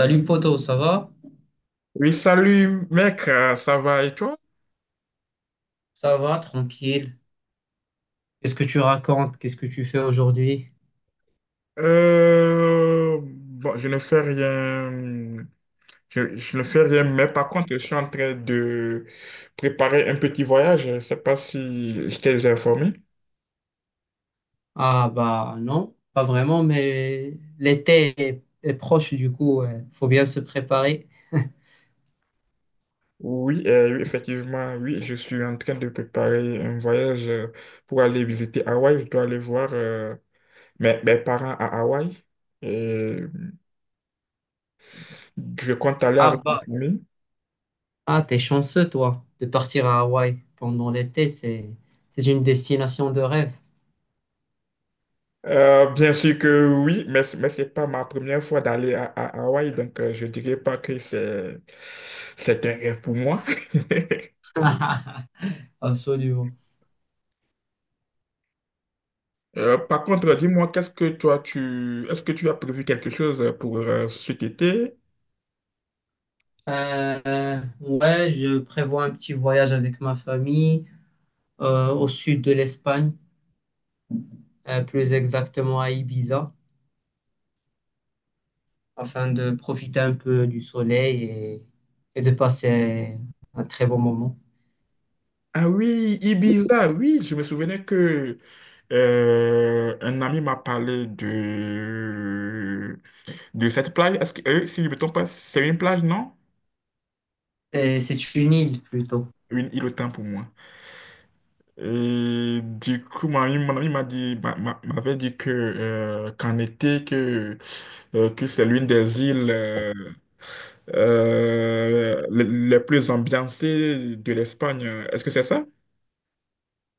Salut poto, ça va? Oui, salut mec, ça va et toi? Ça va, tranquille. Qu'est-ce que tu racontes? Qu'est-ce que tu fais aujourd'hui? Bon, je ne fais rien, je ne fais rien, mais par contre, je suis en train de préparer un petit voyage. Je ne sais pas si je t'ai déjà informé. Ah bah non, pas vraiment, mais l'été est proche du coup, faut bien se préparer. Oui, oui, effectivement, oui, je suis en train de préparer un voyage pour aller visiter Hawaï. Je dois aller voir mes parents à Hawaï et je compte aller Ah avec ma bah, famille. ah t'es chanceux toi de partir à Hawaï pendant l'été, c'est une destination de rêve. Bien sûr que oui, mais ce n'est pas ma première fois d'aller à Hawaï, donc je ne dirais pas que c'est un rêve pour moi. Absolument. Par contre, dis-moi, qu'est-ce que toi, est-ce que tu as prévu quelque chose pour cet été? Ouais, je prévois un petit voyage avec ma famille au sud de l'Espagne, plus exactement à Ibiza, afin de profiter un peu du soleil et de passer un très bon moment. Ah oui, Ibiza, oui, je me souvenais que un ami m'a parlé de cette plage. Est-ce que, si je ne me trompe pas, c'est une plage, non? C'est une île plutôt. Une île autant pour moi. Et du coup, mon ami m'avait dit que qu'en été, que c'est l'une des îles les plus ambiancées de l'Espagne. Est-ce que c'est ça?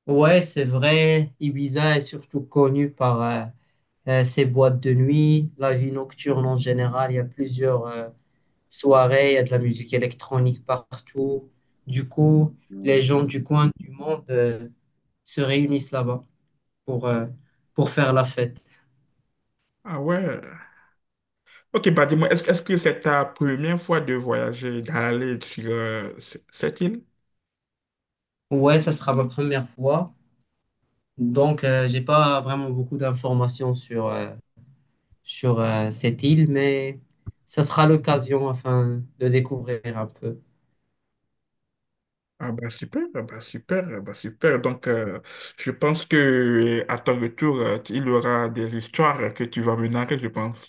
Ouais, c'est vrai, Ibiza est surtout connue par ses boîtes de nuit, la vie nocturne en général. Il y a plusieurs soirées, il y a de la musique électronique partout. Du coup, les gens du coin du monde se réunissent là-bas pour, euh, pour faire la fête. Ah ouais. Ok, bah dis-moi, est-ce que c'est ta première fois de voyager, d'aller sur cette île? Ouais, ça sera ma première fois. Donc, j'ai pas vraiment beaucoup d'informations sur cette île, mais ça sera l'occasion afin de découvrir un peu. Ah bah super, ah bah super, ah bah super. Donc je pense que à ton retour, il y aura des histoires que tu vas me narrer, je pense.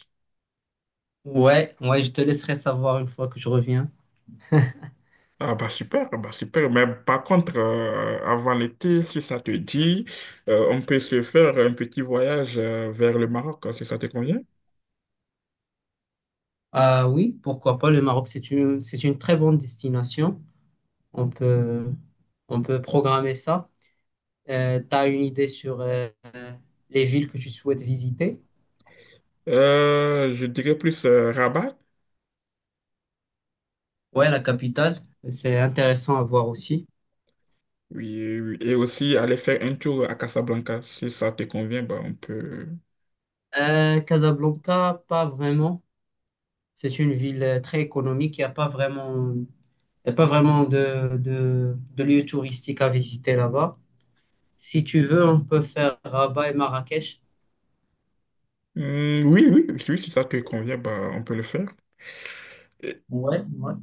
Ouais, ouais, je te laisserai savoir une fois que je reviens. Ah bah super, ah bah super. Mais par contre, avant l'été, si ça te dit, on peut se faire un petit voyage vers le Maroc, hein, si ça te convient. Ah oui, pourquoi pas, le Maroc, c'est une très bonne destination. On peut, on peut programmer ça. Tu as une idée sur les villes que tu souhaites visiter? Je dirais plus Rabat, Ouais, la capitale, c'est intéressant à voir aussi. oui, oui. Et aussi aller faire un tour à Casablanca. Si ça te convient, bah, on peut. Casablanca, pas vraiment. C'est une ville très économique. Il y a pas vraiment de lieux touristiques à visiter là-bas. Si tu veux, on peut faire Rabat et Marrakech. Hmm, oui, oui, si, oui, si ça te convient, bah, on peut le faire. Et, Ouais, ouais.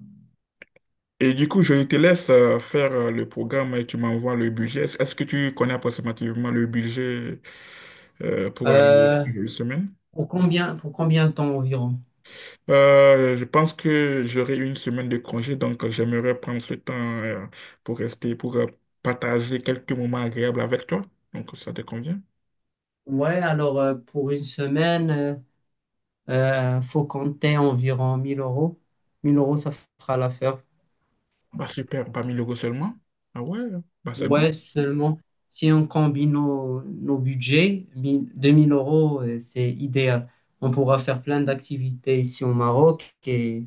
et du coup, je te laisse faire le programme et tu m'envoies le budget. Est-ce que tu connais approximativement le budget pour aller Euh, une semaine? Pour combien de temps environ? Je pense que j'aurai une semaine de congé, donc j'aimerais prendre ce temps pour rester, pour partager quelques moments agréables avec toi. Donc, ça te convient? Ouais, alors pour une semaine, faut compter environ 1000 euros. 1000 euros, ça fera l'affaire. Bah super, pas 1 000 € seulement. Ah ouais, bah c'est bon. Ouais, seulement si on combine nos budgets, 1000 2000 euros, c'est idéal. On pourra faire plein d'activités ici au Maroc et,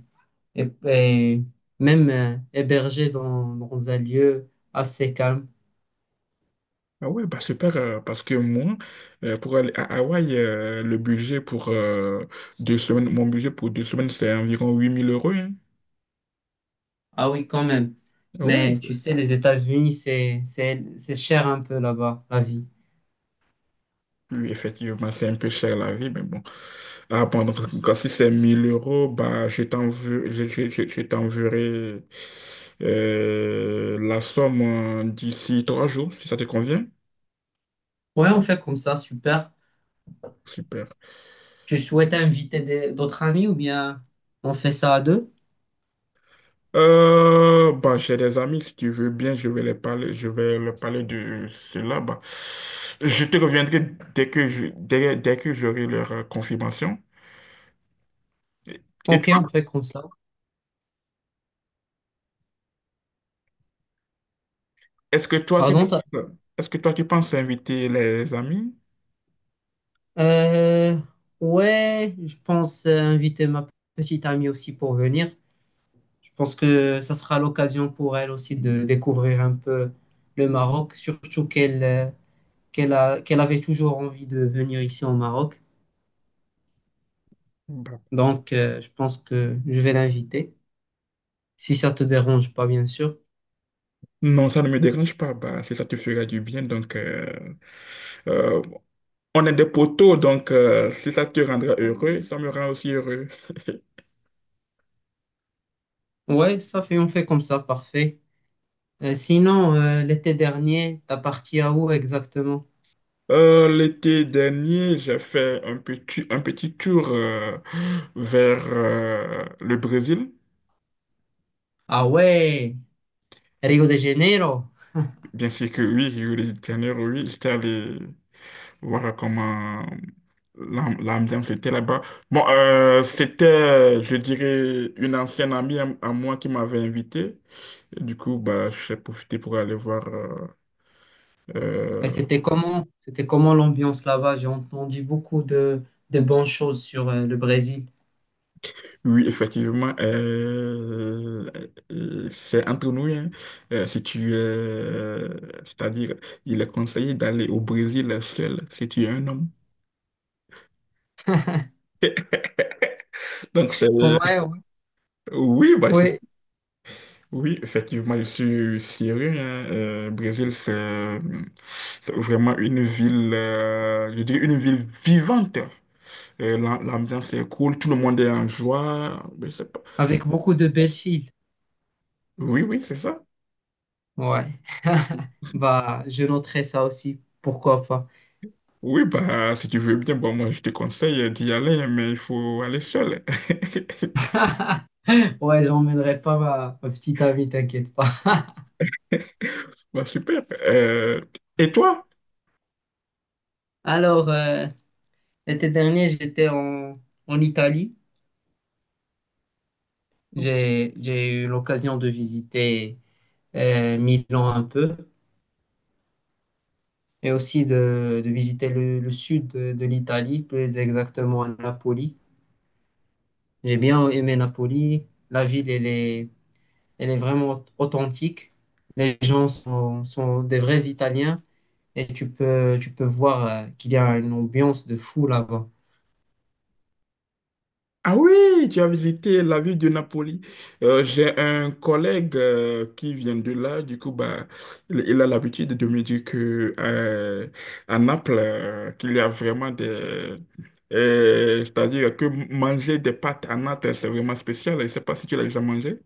et même héberger dans un lieu assez calme. Ah ouais, bah super, parce que moi, pour aller à Hawaï, le budget pour deux semaines, mon budget pour 2 semaines, c'est environ 8000 euros, hein. Ah oui, quand même. Ah ouais, Mais tu sais, les États-Unis, c'est cher un peu là-bas, la vie. oui, effectivement, c'est un peu cher la vie, mais bon. Ah bon, donc quand si c'est 1000 euros, bah je t'enverrai, la somme d'ici 3 jours, si ça te convient. Ouais, on fait comme ça, super. Super. Tu souhaites inviter d'autres amis ou bien on fait ça à deux? Bah, j'ai des amis, si tu veux bien, je vais leur parler de cela. Bah, je te reviendrai dès que j'aurai leur confirmation. Et, et Ok, on toi, fait comme ça. est-ce que toi, tu, Pardon, ça. est-ce que toi, tu penses inviter les amis? Euh, ouais, je pense inviter ma petite amie aussi pour venir. Je pense que ça sera l'occasion pour elle aussi de découvrir un peu le Maroc, surtout qu'elle qu'elle avait toujours envie de venir ici au Maroc. Bah, Donc, je pense que je vais l'inviter, si ça te dérange pas, bien sûr. non, ça ne me dérange pas. Bah, si ça te fera du bien, donc euh, on est des poteaux, donc si ça te rendra heureux, ça me rend aussi heureux. Ouais, ça fait, on fait comme ça, parfait. Sinon, l'été dernier, t'as parti à où exactement? L'été dernier, j'ai fait un petit tour vers le Brésil. Ah ouais, Rio de Janeiro. Bien sûr que oui, Rio de Janeiro, oui, j'étais allé voir comment l'ambiance était là-bas. Bon, c'était, je dirais, une ancienne amie à moi qui m'avait invité. Et du coup, bah, j'ai profité pour aller voir euh, C'était comment l'ambiance là-bas? J'ai entendu beaucoup de bonnes choses sur le Brésil. Oui, effectivement, c'est entre nous, hein. Si tu, c'est-à-dire, il est conseillé d'aller au Brésil seul si tu es un homme. Donc, Ouais, ouais, oui, bah, ouais. oui, effectivement, je suis syrien, hein. Brésil, c'est vraiment une ville, je dirais une ville vivante. L'ambiance est cool, tout le monde est en joie. Je sais pas. Avec beaucoup de belles filles. Oui, oui, c'est ça. Ouais. Bah, je noterai ça aussi. Pourquoi pas? Oui, bah, si tu veux bien, bon, moi, je te conseille d'y aller, mais il faut aller seul. Ouais, j'emmènerai pas ma petite amie, t'inquiète pas. Bah, super. Et toi? Alors, l'été dernier, en Italie. J'ai eu l'occasion de visiter Milan un peu et aussi de visiter le sud de l'Italie, plus exactement à Napoli. J'ai bien aimé Napoli. La ville, elle est vraiment authentique. Les gens sont des vrais Italiens et tu peux voir qu'il y a une ambiance de fou là-bas. Ah oui, tu as visité la ville de Napoli. J'ai un collègue qui vient de là. Du coup, bah, il a l'habitude de me dire que à Naples, qu'il y a vraiment des. C'est-à-dire que manger des pâtes à Naples, c'est vraiment spécial. Je ne sais pas si tu l'as déjà mangé.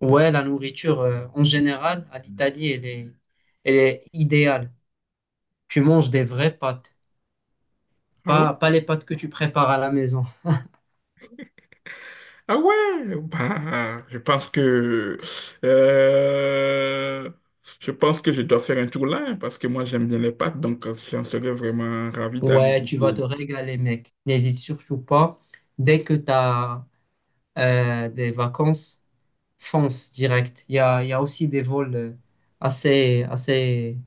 Ouais, la nourriture, en général, à l'Italie, elle est idéale. Tu manges des vraies pâtes, Ah ouais? Pas les pâtes que tu prépares à la maison. Ah ouais, bah, euh, je pense que je dois faire un tour là, hein, parce que moi j'aime bien les pâtes, donc j'en serais vraiment ravi d'aller Ouais, tu vas goûter. te régaler, mec. N'hésite surtout pas. Dès que tu as des vacances, fonce direct. Il y a aussi des vols assez,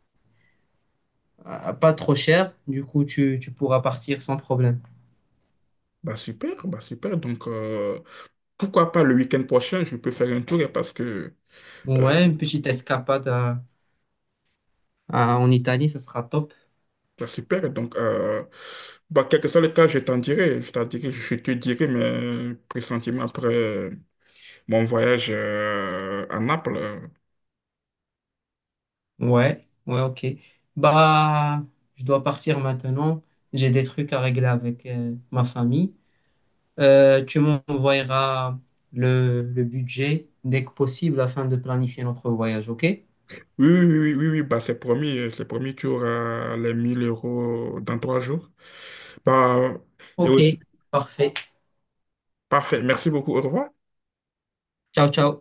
pas trop chers. Du coup, tu pourras partir sans problème. Bah super, bah super. Donc pourquoi pas le week-end prochain, je peux faire un tour, hein, parce que euh, Ouais, une petite escapade en Italie, ça sera top. bah super. Donc bah quel que soit le cas, je te dirai mes pressentiments après mon voyage à Naples. Ouais, ouais, ok. Bah, je dois partir maintenant. J'ai des trucs à régler avec ma famille. Tu m'envoyeras le budget dès que possible afin de planifier notre voyage, ok? Oui, oui, oui, oui, oui, oui. Bah, c'est promis, tu auras les 1 000 € dans 3 jours. Bah, et Ok, oui, parfait. parfait, merci beaucoup, au revoir. Ciao, ciao.